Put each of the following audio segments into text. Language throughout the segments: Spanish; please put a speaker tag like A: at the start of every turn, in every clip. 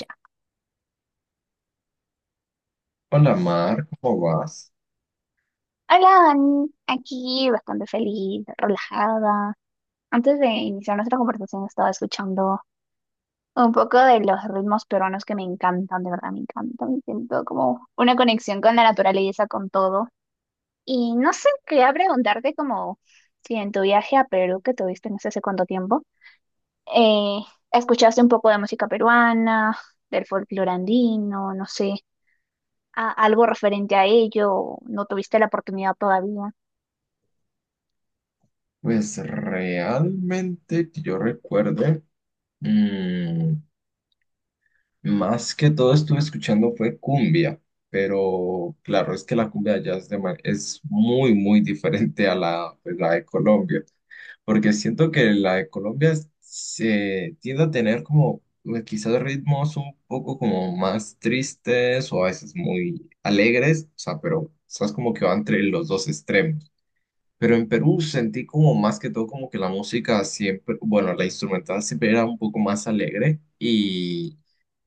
A: Ya.
B: Hola Mar, ¿cómo vas?
A: Hola, Dani. Aquí bastante feliz, relajada. Antes de iniciar nuestra conversación estaba escuchando un poco de los ritmos peruanos que me encantan, de verdad me encantan. Siento como una conexión con la naturaleza, con todo. Y no sé, quería preguntarte como si en tu viaje a Perú que tuviste no sé hace cuánto tiempo, eh, escuchaste un poco de música peruana, del folclore andino, no sé, algo referente a ello, o no tuviste la oportunidad todavía.
B: Pues realmente que yo recuerde, mm, más que todo estuve escuchando fue cumbia, pero claro, es que la cumbia allá es, es muy diferente a la, pues, la de Colombia, porque siento que la de Colombia se tiende a tener como quizás ritmos un poco como más tristes o a veces muy alegres, o sea, pero estás como que va entre los dos extremos. Pero en Perú sentí como más que todo como que la música siempre, bueno, la instrumental siempre era un poco más alegre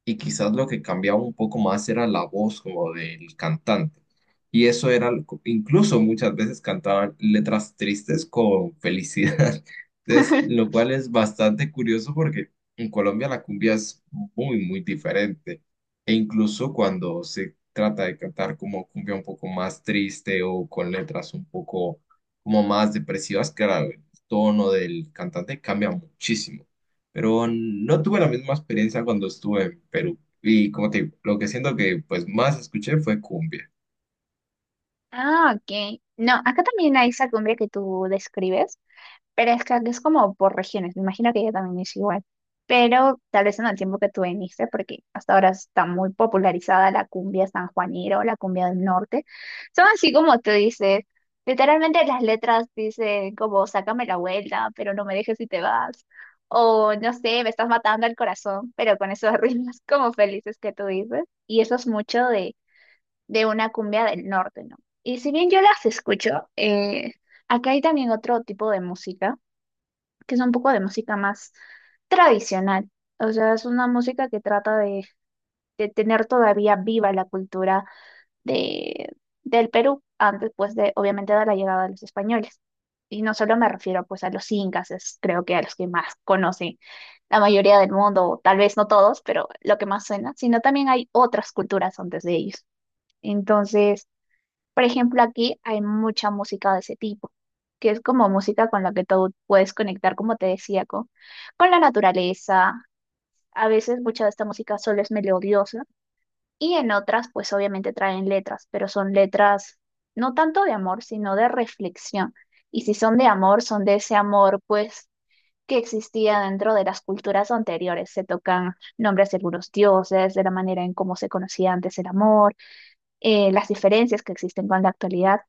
B: y quizás lo que cambiaba un poco más era la voz como del cantante. Y eso era, incluso muchas veces cantaban letras tristes con felicidad. Entonces, lo cual es bastante curioso porque en Colombia la cumbia es muy diferente. E incluso cuando se trata de cantar como cumbia un poco más triste o con letras un poco como más depresivas, claro, el tono del cantante cambia muchísimo. Pero no tuve la misma experiencia cuando estuve en Perú. Y como te digo, lo que siento que pues más escuché fue cumbia.
A: Ah, ok. No, acá también hay esa cumbia que tú describes, pero es que acá es como por regiones. Me imagino que ella también es igual. Pero tal vez en el tiempo que tú viniste, porque hasta ahora está muy popularizada la cumbia sanjuanera o la cumbia del norte. Son así como tú dices. Literalmente las letras dicen como sácame la vuelta, pero no me dejes si te vas. O no sé, me estás matando el corazón, pero con esos ritmos como felices que tú dices. Y eso es mucho de una cumbia del norte, ¿no? Y si bien yo las escucho, acá hay también otro tipo de música, que es un poco de música más tradicional. O sea, es una música que trata de, tener todavía viva la cultura de, del Perú, antes pues de, obviamente, de la llegada de los españoles. Y no solo me refiero pues a los incas, es creo que a los que más conocen la mayoría del mundo, o tal vez no todos, pero lo que más suena, sino también hay otras culturas antes de ellos. Entonces, por ejemplo, aquí hay mucha música de ese tipo, que es como música con la que tú puedes conectar, como te decía, con, la naturaleza. A veces mucha de esta música solo es melodiosa y en otras, pues obviamente traen letras, pero son letras no tanto de amor, sino de reflexión. Y si son de amor, son de ese amor, pues, que existía dentro de las culturas anteriores. Se tocan nombres de algunos dioses, de la manera en cómo se conocía antes el amor, las diferencias que existen con la actualidad.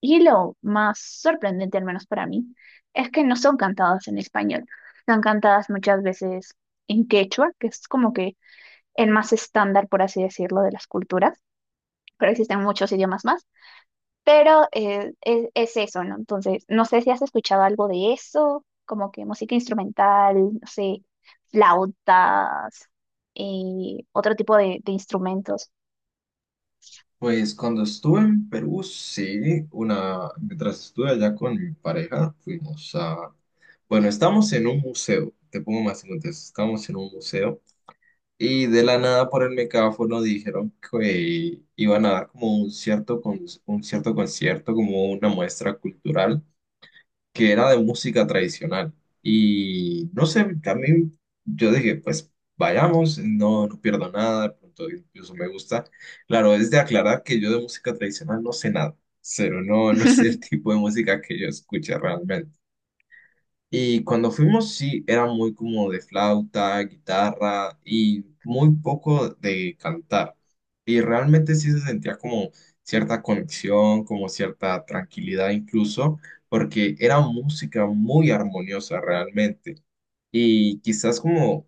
A: Y lo más sorprendente, al menos para mí, es que no son cantadas en español. Son cantadas muchas veces en quechua, que es como que el más estándar, por así decirlo, de las culturas, pero existen muchos idiomas más. Pero es eso, ¿no? Entonces, no sé si has escuchado algo de eso, como que música instrumental, no sé, flautas, y otro tipo de, instrumentos.
B: Pues cuando estuve en Perú, sí, una, mientras estuve allá con mi pareja, fuimos a, bueno, estamos en un museo, te pongo más en contexto, estamos en un museo. Y de la nada por el megáfono dijeron que iban a dar como un cierto, un cierto concierto, como una muestra cultural que era de música tradicional. Y no sé, también yo dije, pues vayamos, no, no pierdo nada, de pronto incluso me gusta. Claro, es de aclarar que yo de música tradicional no sé nada, pero no, no es el tipo de música que yo escuché realmente. Y cuando fuimos, sí, era muy como de flauta, guitarra y muy poco de cantar. Y realmente sí se sentía como cierta conexión, como cierta tranquilidad incluso, porque era música muy armoniosa realmente. Y quizás como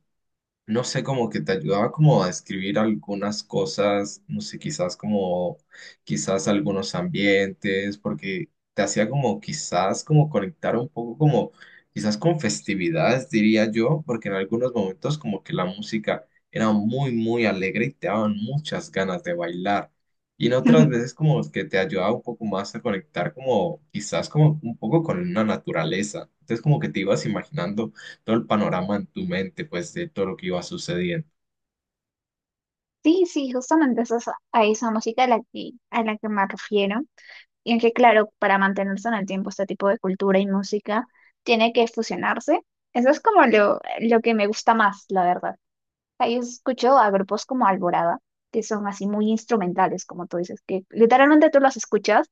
B: no sé, como que te ayudaba como a describir algunas cosas, no sé, quizás como, quizás algunos ambientes, porque te hacía como quizás como conectar un poco como, quizás con festividades, diría yo, porque en algunos momentos como que la música era muy alegre y te daban muchas ganas de bailar. Y en otras veces como que te ayudaba un poco más a conectar como, quizás como un poco con la naturaleza. Entonces como que te ibas imaginando todo el panorama en tu mente, pues, de todo lo que iba sucediendo.
A: Sí, sí, justamente esa es a esa música a la que, me refiero. Y en que, claro, para mantenerse en el tiempo este tipo de cultura y música, tiene que fusionarse. Eso es como lo, que me gusta más, la verdad. Ahí escucho a grupos como Alborada, que son así muy instrumentales, como tú dices, que literalmente tú los escuchas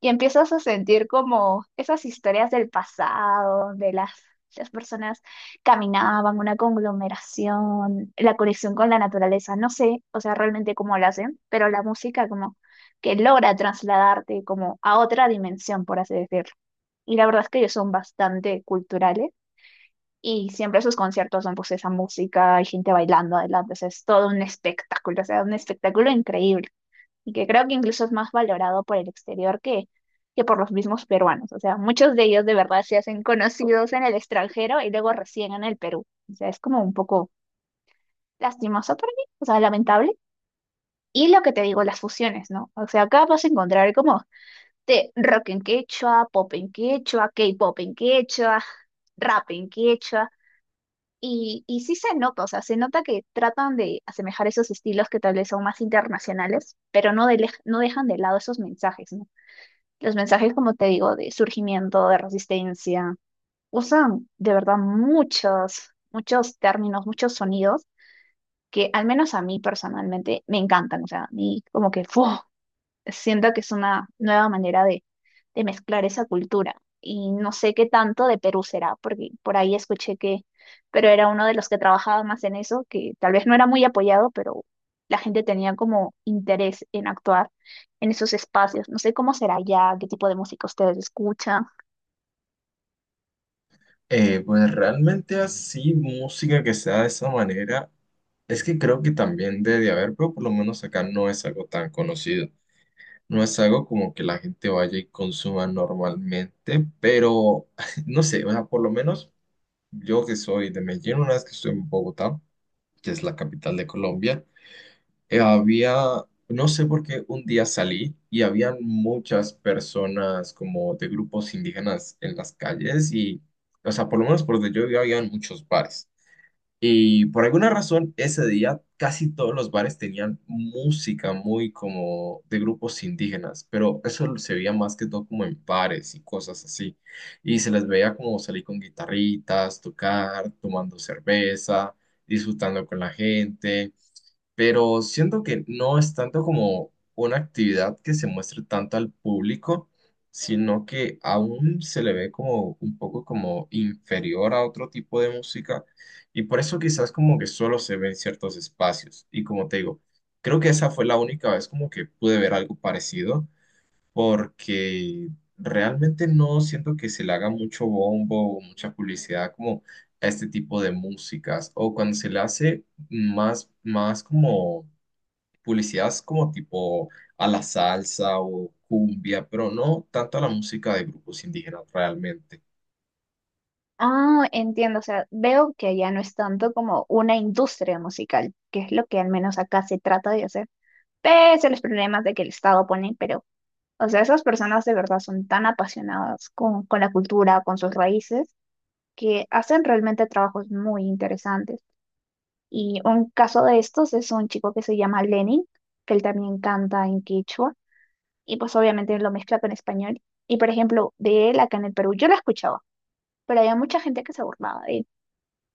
A: y empiezas a sentir como esas historias del pasado, de las, personas caminaban, una conglomeración, la conexión con la naturaleza, no sé, o sea, realmente cómo lo hacen, pero la música como que logra trasladarte como a otra dimensión, por así decirlo. Y la verdad es que ellos son bastante culturales y siempre sus conciertos son pues esa música, hay gente bailando adelante, o sea, es todo un espectáculo, o sea, un espectáculo increíble. Y que creo que incluso es más valorado por el exterior que, por los mismos peruanos. O sea, muchos de ellos de verdad se hacen conocidos en el extranjero y luego recién en el Perú. O sea, es como un poco lastimoso para mí, o sea, lamentable. Y lo que te digo, las fusiones, ¿no? O sea, acá vas a encontrar como de rock en quechua, pop en quechua, K-pop en quechua, rap en quechua. Y sí se nota, o sea, se nota que tratan de asemejar esos estilos que tal vez son más internacionales, pero no, de, no dejan de lado esos mensajes, ¿no? Los mensajes, como te digo, de surgimiento, de resistencia, usan de verdad muchos, muchos términos, muchos sonidos que al menos a mí personalmente me encantan, o sea, a mí como que, ¡fu! Siento que es una nueva manera de, mezclar esa cultura. Y no sé qué tanto de Perú será, porque por ahí escuché que Perú era uno de los que trabajaba más en eso, que tal vez no era muy apoyado, pero la gente tenía como interés en actuar en esos espacios. No sé cómo será allá, qué tipo de música ustedes escuchan.
B: Pues realmente así, música que sea de esa manera, es que creo que también debe de haber, pero por lo menos acá no es algo tan conocido. No es algo como que la gente vaya y consuma normalmente, pero no sé, o sea, por lo menos yo que soy de Medellín, una vez que estoy en Bogotá, que es la capital de Colombia, había, no sé por qué un día salí y habían muchas personas como de grupos indígenas en las calles y, o sea, por lo menos por donde yo vivía habían muchos bares. Y por alguna razón ese día casi todos los bares tenían música muy como de grupos indígenas, pero eso se veía más que todo como en bares y cosas así. Y se les veía como salir con guitarritas, tocar, tomando cerveza, disfrutando con la gente, pero siento que no es tanto como una actividad que se muestre tanto al público, sino que aún se le ve como un poco como inferior a otro tipo de música y por eso quizás como que solo se ve en ciertos espacios. Y como te digo, creo que esa fue la única vez como que pude ver algo parecido porque realmente no siento que se le haga mucho bombo o mucha publicidad como a este tipo de músicas, o cuando se le hace más como publicidad es como tipo a la salsa o cumbia, pero no tanto a la música de grupos indígenas realmente.
A: Ah, entiendo, o sea, veo que allá no es tanto como una industria musical, que es lo que al menos acá se trata de hacer, pese a los problemas de que el Estado pone, pero, o sea, esas personas de verdad son tan apasionadas con, la cultura, con sus raíces, que hacen realmente trabajos muy interesantes. Y un caso de estos es un chico que se llama Lenin, que él también canta en quechua, y pues obviamente lo mezcla con español. Y por ejemplo, de él acá en el Perú, yo lo escuchaba, pero había mucha gente que se burlaba de él.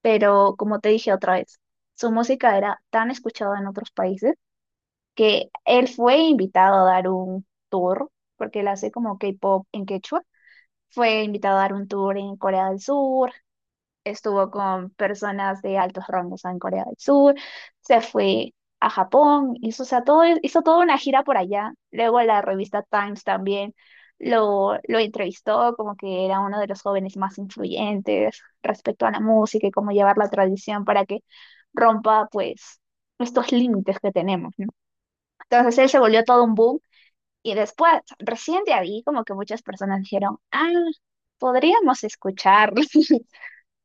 A: Pero como te dije otra vez, su música era tan escuchada en otros países que él fue invitado a dar un tour, porque él hace como K-pop en quechua. Fue invitado a dar un tour en Corea del Sur, estuvo con personas de altos rangos en Corea del Sur, se fue a Japón, hizo, o sea, todo, hizo toda una gira por allá. Luego la revista Times también lo, entrevistó como que era uno de los jóvenes más influyentes respecto a la música y cómo llevar la tradición para que rompa pues estos límites que tenemos, ¿no? Entonces él se volvió todo un boom y después, recién de ahí, como que muchas personas dijeron, ah, podríamos escucharlo.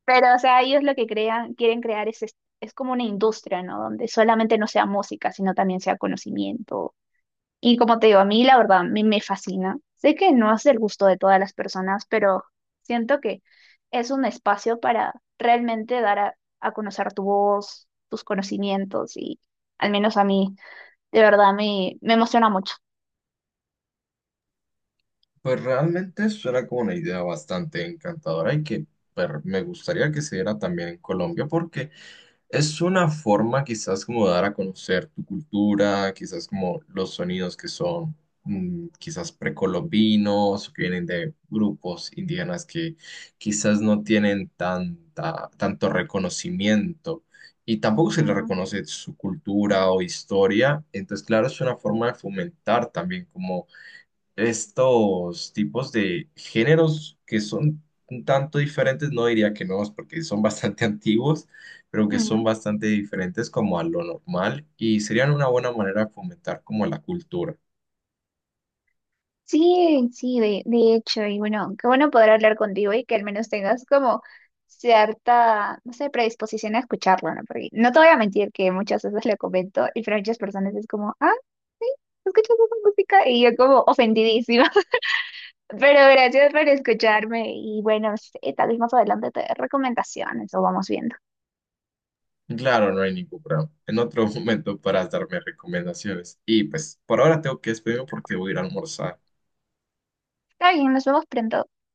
A: Pero, o sea, ellos lo que crean, quieren crear es, es como una industria, ¿no? Donde solamente no sea música, sino también sea conocimiento. Y como te digo, a mí la verdad me, fascina. Sé que no es del gusto de todas las personas, pero siento que es un espacio para realmente dar a, conocer tu voz, tus conocimientos y al menos a mí, de verdad, me, emociona mucho.
B: Pues realmente suena como una idea bastante encantadora y que pues, me gustaría que se diera también en Colombia porque es una forma quizás como de dar a conocer tu cultura, quizás como los sonidos que son quizás precolombinos, o que vienen de grupos indígenas que quizás no tienen tanta, tanto reconocimiento y tampoco se les
A: Ujú,
B: reconoce su cultura o historia. Entonces, claro, es una forma de fomentar también estos tipos de géneros que son un tanto diferentes, no diría que nuevos porque son bastante antiguos, pero que son
A: ujú.
B: bastante diferentes como a lo normal y serían una buena manera de fomentar como la cultura.
A: Sí, sí, de, hecho, y bueno, qué bueno poder hablar contigo y que al menos tengas como cierta, no sé, predisposición a escucharlo, ¿no? Porque no te voy a mentir que muchas veces le comento y para muchas personas es como, ah, sí, escuchas esa música y yo como ofendidísima. Pero gracias por escucharme y bueno, sí, tal vez más adelante te dé recomendaciones o vamos viendo.
B: Claro, no hay ningún problema. En otro momento para darme recomendaciones. Y pues por ahora tengo que despedirme porque voy a ir a almorzar.
A: Está bien, nos vemos pronto.